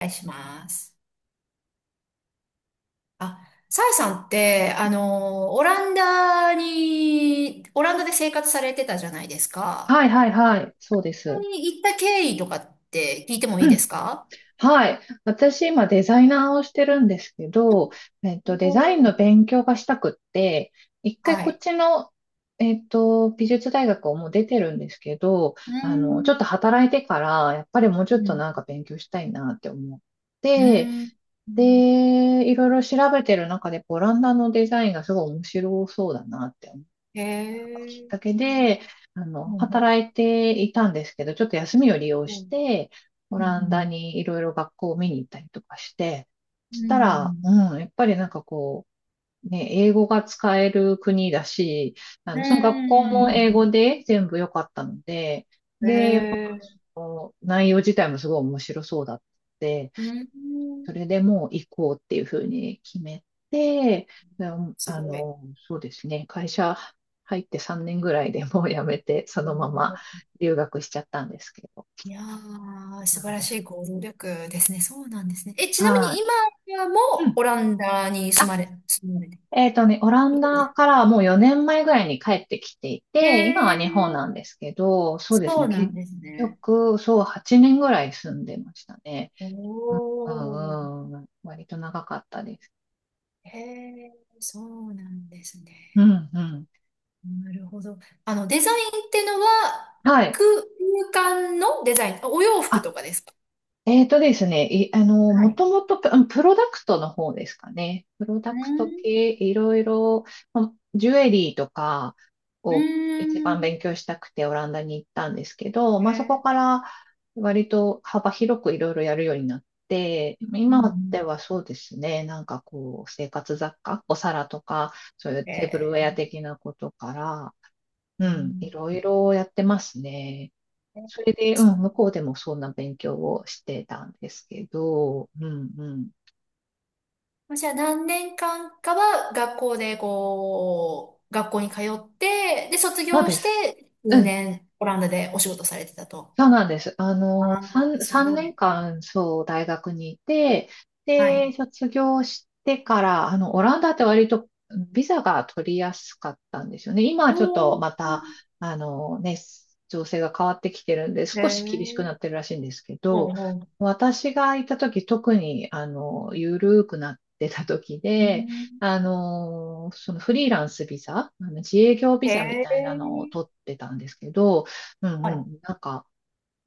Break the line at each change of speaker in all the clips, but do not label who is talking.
お願いします。あ、サイさんって、オランダで生活されてたじゃないですか。
はいはいはい。そうで
オラン
す。
ダに行った経緯とかって聞いて もいい
う
で
ん。
すか？
はい。私今デザイナーをしてるんですけど、
お
デザイン
ー。
の勉強がしたくって、一回
は
こっ
い。
ちの、美術大学をもう出てるんですけど、
うー
ちょっ
ん。
と働いてから、やっぱりもうち
う
ょっと
ん。
なんか勉強したいなって思っ
う
て、
ーん。うん。
で、いろいろ調べてる中で、オランダのデザインがすごい面白そうだなって
へえ。
だけ
うん。
で、
うん。
働いていたんですけど、ちょっと休みを利用
う
し
ん。
て、オ
う
ランダ
ん。
にいろいろ学校を見に行ったりとかして、
う
そしたら、
ん。
やっぱりなんかこう、ね、英語が使える国だし、
うん。
その学
う
校
ん。
も英語で全部良かったので、
へえ。
内容自体もすごい面白そうだって、
うん。
それでもう行こうっていうふうに決めて、うん
す
あ
ごい。
の、そうですね、会社入って3年ぐらいでもう辞めて、そのまま留学しちゃったんですけど。
いやー、
そ
素
う
晴
なん
ら
で
しい
す。
行動力ですね。そうなんですね。え、ちなみに
は
今はも
い。う
う
ん
オランダに
あ、
住まれて
オラ
い
ン
る
ダ
す。
からもう4年前ぐらいに帰ってきてい
へ
て、今
え、
は日本なんですけど、そうです
そ
ね、
うな
結
んですね。
局、そう、8年ぐらい住んでましたね。
お
うん、
ー、
うん、割と長かったです。
へえ、そうなんですね。
うん、うん。
なるほど。デザインってのは、
はい。
空空間のデザイン、あ、お洋服と
あ
かですか？
えーとですね、い、あの、
は
も
い。
ともとプロダクトの方ですかね。プロ
う
ダクト
ん、
系、いろいろ、ジュエリーとか
う
を一番
ん、
勉強したくてオランダに行ったんですけど、
へ
まあ、そこ
え、
から割と幅広くいろいろやるようになって、
うんう
今
ん、
ではそうですね、なんかこう、生活雑貨、お皿とか、そういう
へ
テーブルウェア
え、
的なことから、
う
うん、い
ん。
ろいろやってますね。
え、
それで、
そ
向
う。
こうでもそんな勉強をしてたんですけど、うんうん。
まあじゃあ何年間かは学校でこう、学校に通って、で、卒
そう
業
で
し
す。
て、
う
数
ん
年オランダでお仕事されてたと。
そうなんです。
ああ、
3、
す
三
ご
年
い。
間、そう、大学にいて、
は
で、
い。
卒業してから、オランダって割とビザが取りやすかったんですよね。今はちょっ
お
とま
ー。
た、あのね、情勢が変わってきてるんで、
へ
少し厳しく
え。
なってるらしいんですけ
ほう
ど、
ほう。
私がいた時、特に、緩くなってた時
う
で、
ん。
そのフリーランスビザ、あの自営業ビ
へ
ザみたいなのを
え。
取ってたんですけど、
は
う
い。
ん、なんか、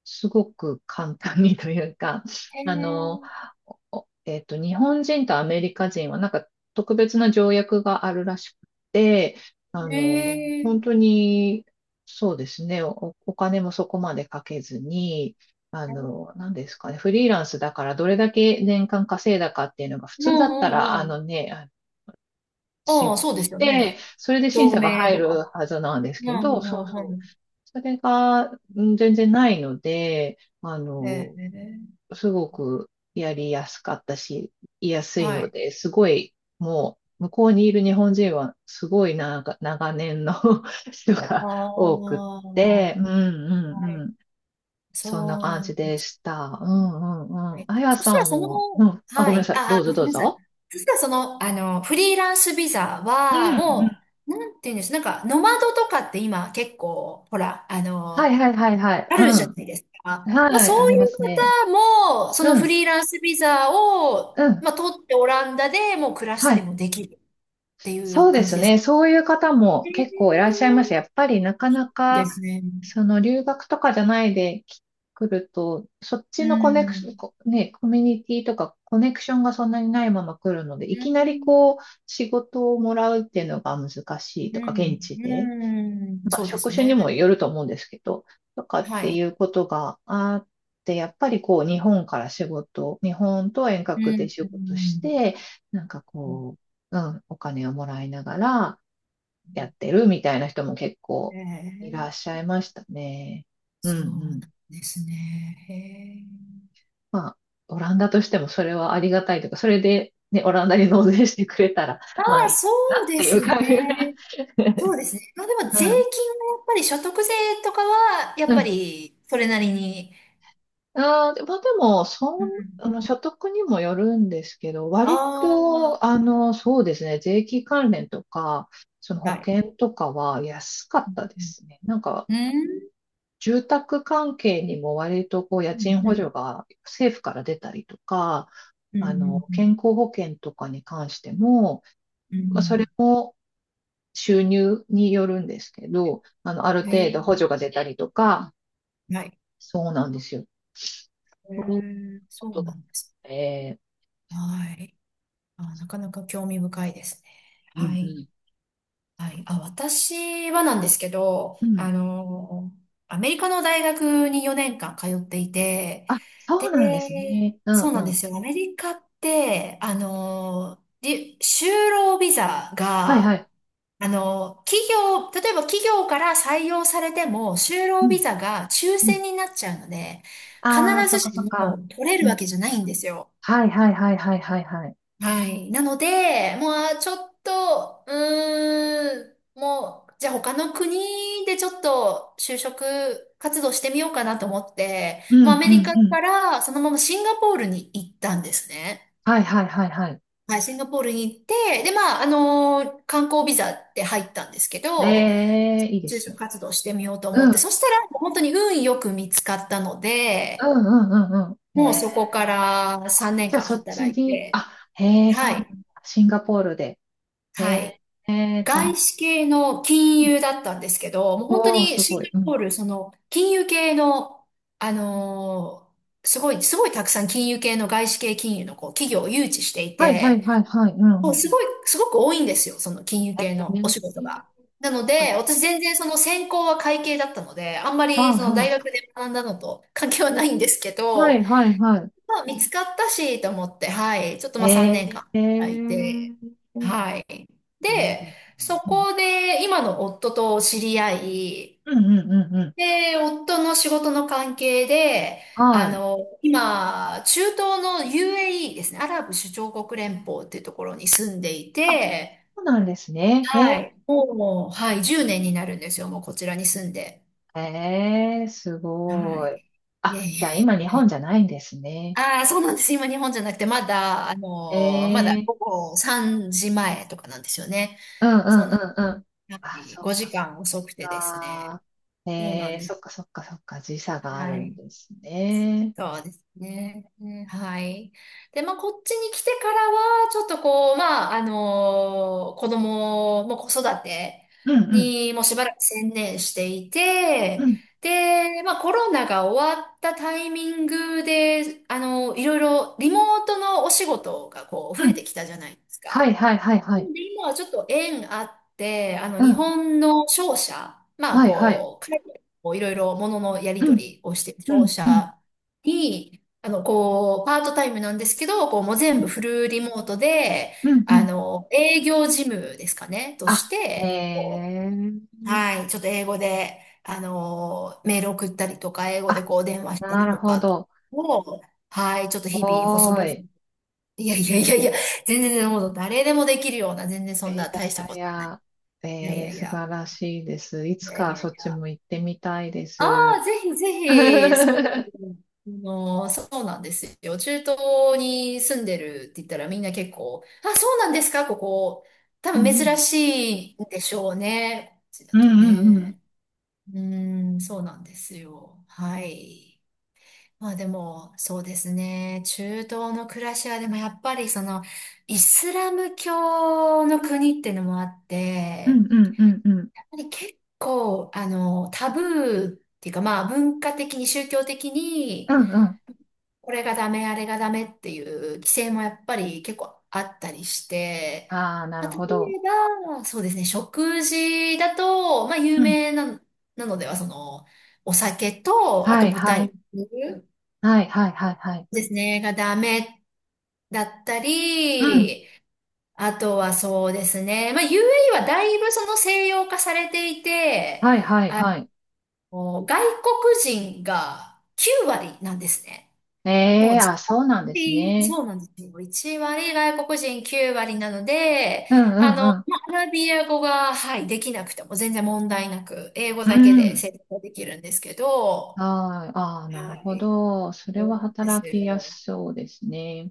すごく簡単にというか、
へ
あの、
え。
おえっと、日本人とアメリカ人はなんか特別な条約があるらしくて、
へえ。
本当に、そうですね、お金もそこまでかけずに、何ですかね、フリーランスだからどれだけ年間稼いだかっていうのが普
うん
通だった
う
ら、
んうん。あ
申
あ、
告
そうです
し
よ
て、
ね。
それで審
照
査が
明
入
と
る
か。
はずなんです
うんう
けど、そう
んうん
そう。
う
それが、うん全然ないので、
ん。へえ。
すごくやりやすかったし、言いやすい
は
の
い。
で、すごい、もう、向こうにいる日本人は、すごいな長年の 人
あ
が多く
あ。
っ
は
て、うんうんう
い。
ん。そんな
そう
感
なん
じ
だ。
でした。うんう
は
んうん。
い。
あや
そしたら
さん
その、
も、うん。あ、ご
は
めんな
い。
さい。ど
あ、
う
あ
ぞ
ごめん
どう
なさい。
ぞ。
そしたらその、フリーランスビザ
うん
は、
う
も
ん。
う、なんていうんです、なんか、ノマドとかって今結構、ほら、
はいはいはいはい。
あ
う
るじゃ
ん。
ないですか。まあ、
は
そ
い、あ
う
り
い
ま
う
すね。
方も、その
う
フ
ん、
リーランスビザを、
うん。
まあ、取ってオランダでもう暮らした
は
り
い。
もできるってい
そ
う
うで
感じ
す
です
ね。
か？
そういう方も
え
結構いらっしゃいます。や
ー、
っぱりなかな
で
か、
すね。
その留学とかじゃない来ると、そっ
う
ちのコネクション、
ん。
コミュニティとかコネクションがそんなにないまま来るので、い
う
き
ん。
なりこう、仕事をもらうっていうのが難しい
う
とか、現
ん。
地で
うん。そうで
職
す
種にも
ね。
よると思うんですけど、とかっ
は
てい
い。
うことがあって、やっぱりこう日本から仕事、日本と遠
う
隔で
ん。
仕
う
事し
ん。
て、なんかこう、お金をもらいながらやってるみたいな人も結
え
構いらっ
え、
しゃいましたね。うん
そうな
う
ん
ん。
ですね。へえ。
まあ、オランダとしてもそれはありがたいとか、それでね、オランダに納税してくれたら、
あ
まあ
あ、
いい
そ
な
う
っ
で
ていう
す
感じ。
ね。そうですね。まあでも
う
税金は
ん。
やっぱり所得税とかは、やっ
う
ぱ
ん
りそれなりに。
まあでも、そ
う
ん、
ん。
あの、所得にもよるんですけど、割
あ
と、
あ、
そうですね、税金関連とか、その
は
保
い。
険とかは安かったで
うん。
すね。なんか、
うん。
住宅関係にも割とこう、家
う
賃補
ん。
助が政府から出たりとか、
うん。
健康保険とかに関しても、
うん。う
まあ、それ
ん。
も収入によるんですけど、ある
へえ。
程度補助が出たりとか、
はい。
そうなんですよ。
へ
そういう
え、
こ
そう
とが
な
あっ
んです。
て
はい。ああ、なかなか興味深いですね。
うん
は
う
い。
ん。
はい。あ、私はなんですけど、
うん
アメリカの大学に4年間通っていて、
そ
で、
うなんですね。う
そ
ん
う
う
なんで
ん。
すよ。アメリカって、り就労ビザ
はいは
が、
い。
企業、例えば企業から採用されても、就
う
労ビ
ん。
ザが抽
うん。
選になっちゃうので、必
ああ、そっ
ず
かそっ
しも
か。
取れ
う
るわ
ん。
けじゃないんですよ。
はいはいはいはいはいはい。
はい。なので、もうちょっと、うーん、もう、じゃあ他の国でちょっと就職活動してみようかなと思って、
うん
もうア
う
メリ
ん
カ
うん。
からそのままシンガポールに行ったんですね。
はいはいはいはい。
はい、シンガポールに行って、で、まあ、観光ビザって入ったんですけ
え
ど、
え、いいで
就
す
職
ね。
活動してみようと思っ
う
て、そ
ん。
したら本当に運よく見つかったの
う
で、
んうんうんうん。え
もう
え。
そこから
あ、
3年
じゃあ
間
そっ
働
ち
い
に、
て、
あ、へえ、そう
は
なんだ。
い、
シンガポールで。え
はい。
え、ええ、
外資系の金融だったんですけど、もう本当
おおー、
に
す
シ
ご
ン
い。う
ガポ
ん。
ール、その金融系の、あのーすごいたくさん金融系の外資系金融のこう企業を誘致してい
はいはい
て、
はいはい。うんうん
も
う
うす
ん。
ごい、すごく多いんですよ、その金融
え
系の
え、
お仕事が。なの
あ、
で、私全然その専攻は会計だったので、あんまりその大学
は
で学んだのと関係はないんですけ
い。は
ど、
いはいは
まあ見つかったしと思って、はい、ちょっと
い。
まあ
え
3年
え。え
間いて、
え
はい。
いいで
で、
すね。
そ
うん、
こで今の夫と知り合い、
うん、うん、うん。うん
で、夫の仕事の関係で、あ
はい。
の、今、中東の UAE ですね、アラブ首長国連邦っていうところに住んでい
あ、
て、
そうなんですね。へ
は
え、
い。もう、はい、10年になるんですよ、もうこちらに住んで。
へえ、す
は
ごい。
い。いや
あ、
い
じ
や
ゃあ
い
今日本じゃないんですね。
や。ああ、そうなんです。今、日本じゃなくて、まだ、あ
へ
のーまだ
え、
午後3時前とかなんですよね。
うん、う
そう
ん、
なんで
うん、うん。あ、
す。
そっか、
5
そっ
時間遅くてですね。
か。へ
そうなん
え、
で
そ
す。
っか、そっか、そっか。時差がある
は
ん
い。
ですね。
そうですね。うん、はい。で、まあ、こっちに来てからは、ちょっとこう、まあ、あのー子供も子育て
うん、うん、
にもうしばらく専念してい
う
て、
ん、
で、まあ、コロナが終わったタイミングで、あのいろいろリモートのお仕事がこう、
う
増えて
ん。
きたじゃないです
は
か。
い、はい、はい、は
な
い。
ので今はちょっと縁あって、
う
日
ん、
本の商社、まあ、
はい、はい。
こう、海外とこういろいろもののやり
う
取
ん、
りをしている
う
商
ん、うん、
社に、こう、パートタイムなんですけど、こう、もう
う
全部
ん、
フルリモートで、
うん、うん。
営業事務ですかね、とし
あ、へ
て、こ
え。
う、はい、ちょっと英語で、メール送ったりとか、英語で
あ、
こう、電話した
な
り
る
と
ほ
か
ど。
を、はい、ちょっと日々、細
おー
々。
い。
いやいやいやいや、全然もう誰でもできるような、全然そ
えー、
ん
い
な大した
やいや
こ
い
とはない。
や、
いやい
え
や
ー、
い
素晴
や、
らしいです。い
い
つ
やい
か
や
そ
い
っち
や。
も行ってみたいで
あ
す。
あ、ぜひぜひ、そう、そうなんですよ。中東に住んでるって言ったらみんな結構、あ、そうなんですか、ここ。多
う
分
んう
珍
ん
しいんでしょうね。こっちだ
うん
と
うん
ね。うーん、そうなんですよ。はい。まあでも、そうですね。中東の暮らしは、でもやっぱりその、イスラム教の国っていうのもあっ
うん
て、
うんうんうんうん
やっぱり結構、タブーっていうか、まあ文化的に宗教的
う
に、
ん
これがダメ、あれがダメっていう規制もやっぱり結構あったりして、
ああー、な
ま
る
あ、例え
ほど。
ば、そうですね、食事だと、まあ、有
うん
名な、なのでは、その、お酒と、あ
は
と
いは
豚
い
肉。
はいはいはいはい。
ですね、がダメだった
うん
り、あとはそうですね、まあ UAE はだいぶその西洋化されていて、
はいはい
あ
はい。
外国人が9割なんですね。も
え
う
えー、
自
あ、そうなんです
分
ね。
そうなんですよ。1割、外国人9割なので、
うんうん
まあ、アラビア語が、はい、できなくても全然問題なく、英語
う
だけ
ん。う
で
ん。
成功できるんですけど、
はい。ああ、なる
は
ほ
い、
ど。それ
そう
は
なんです
働きや
よ。
すそうですね。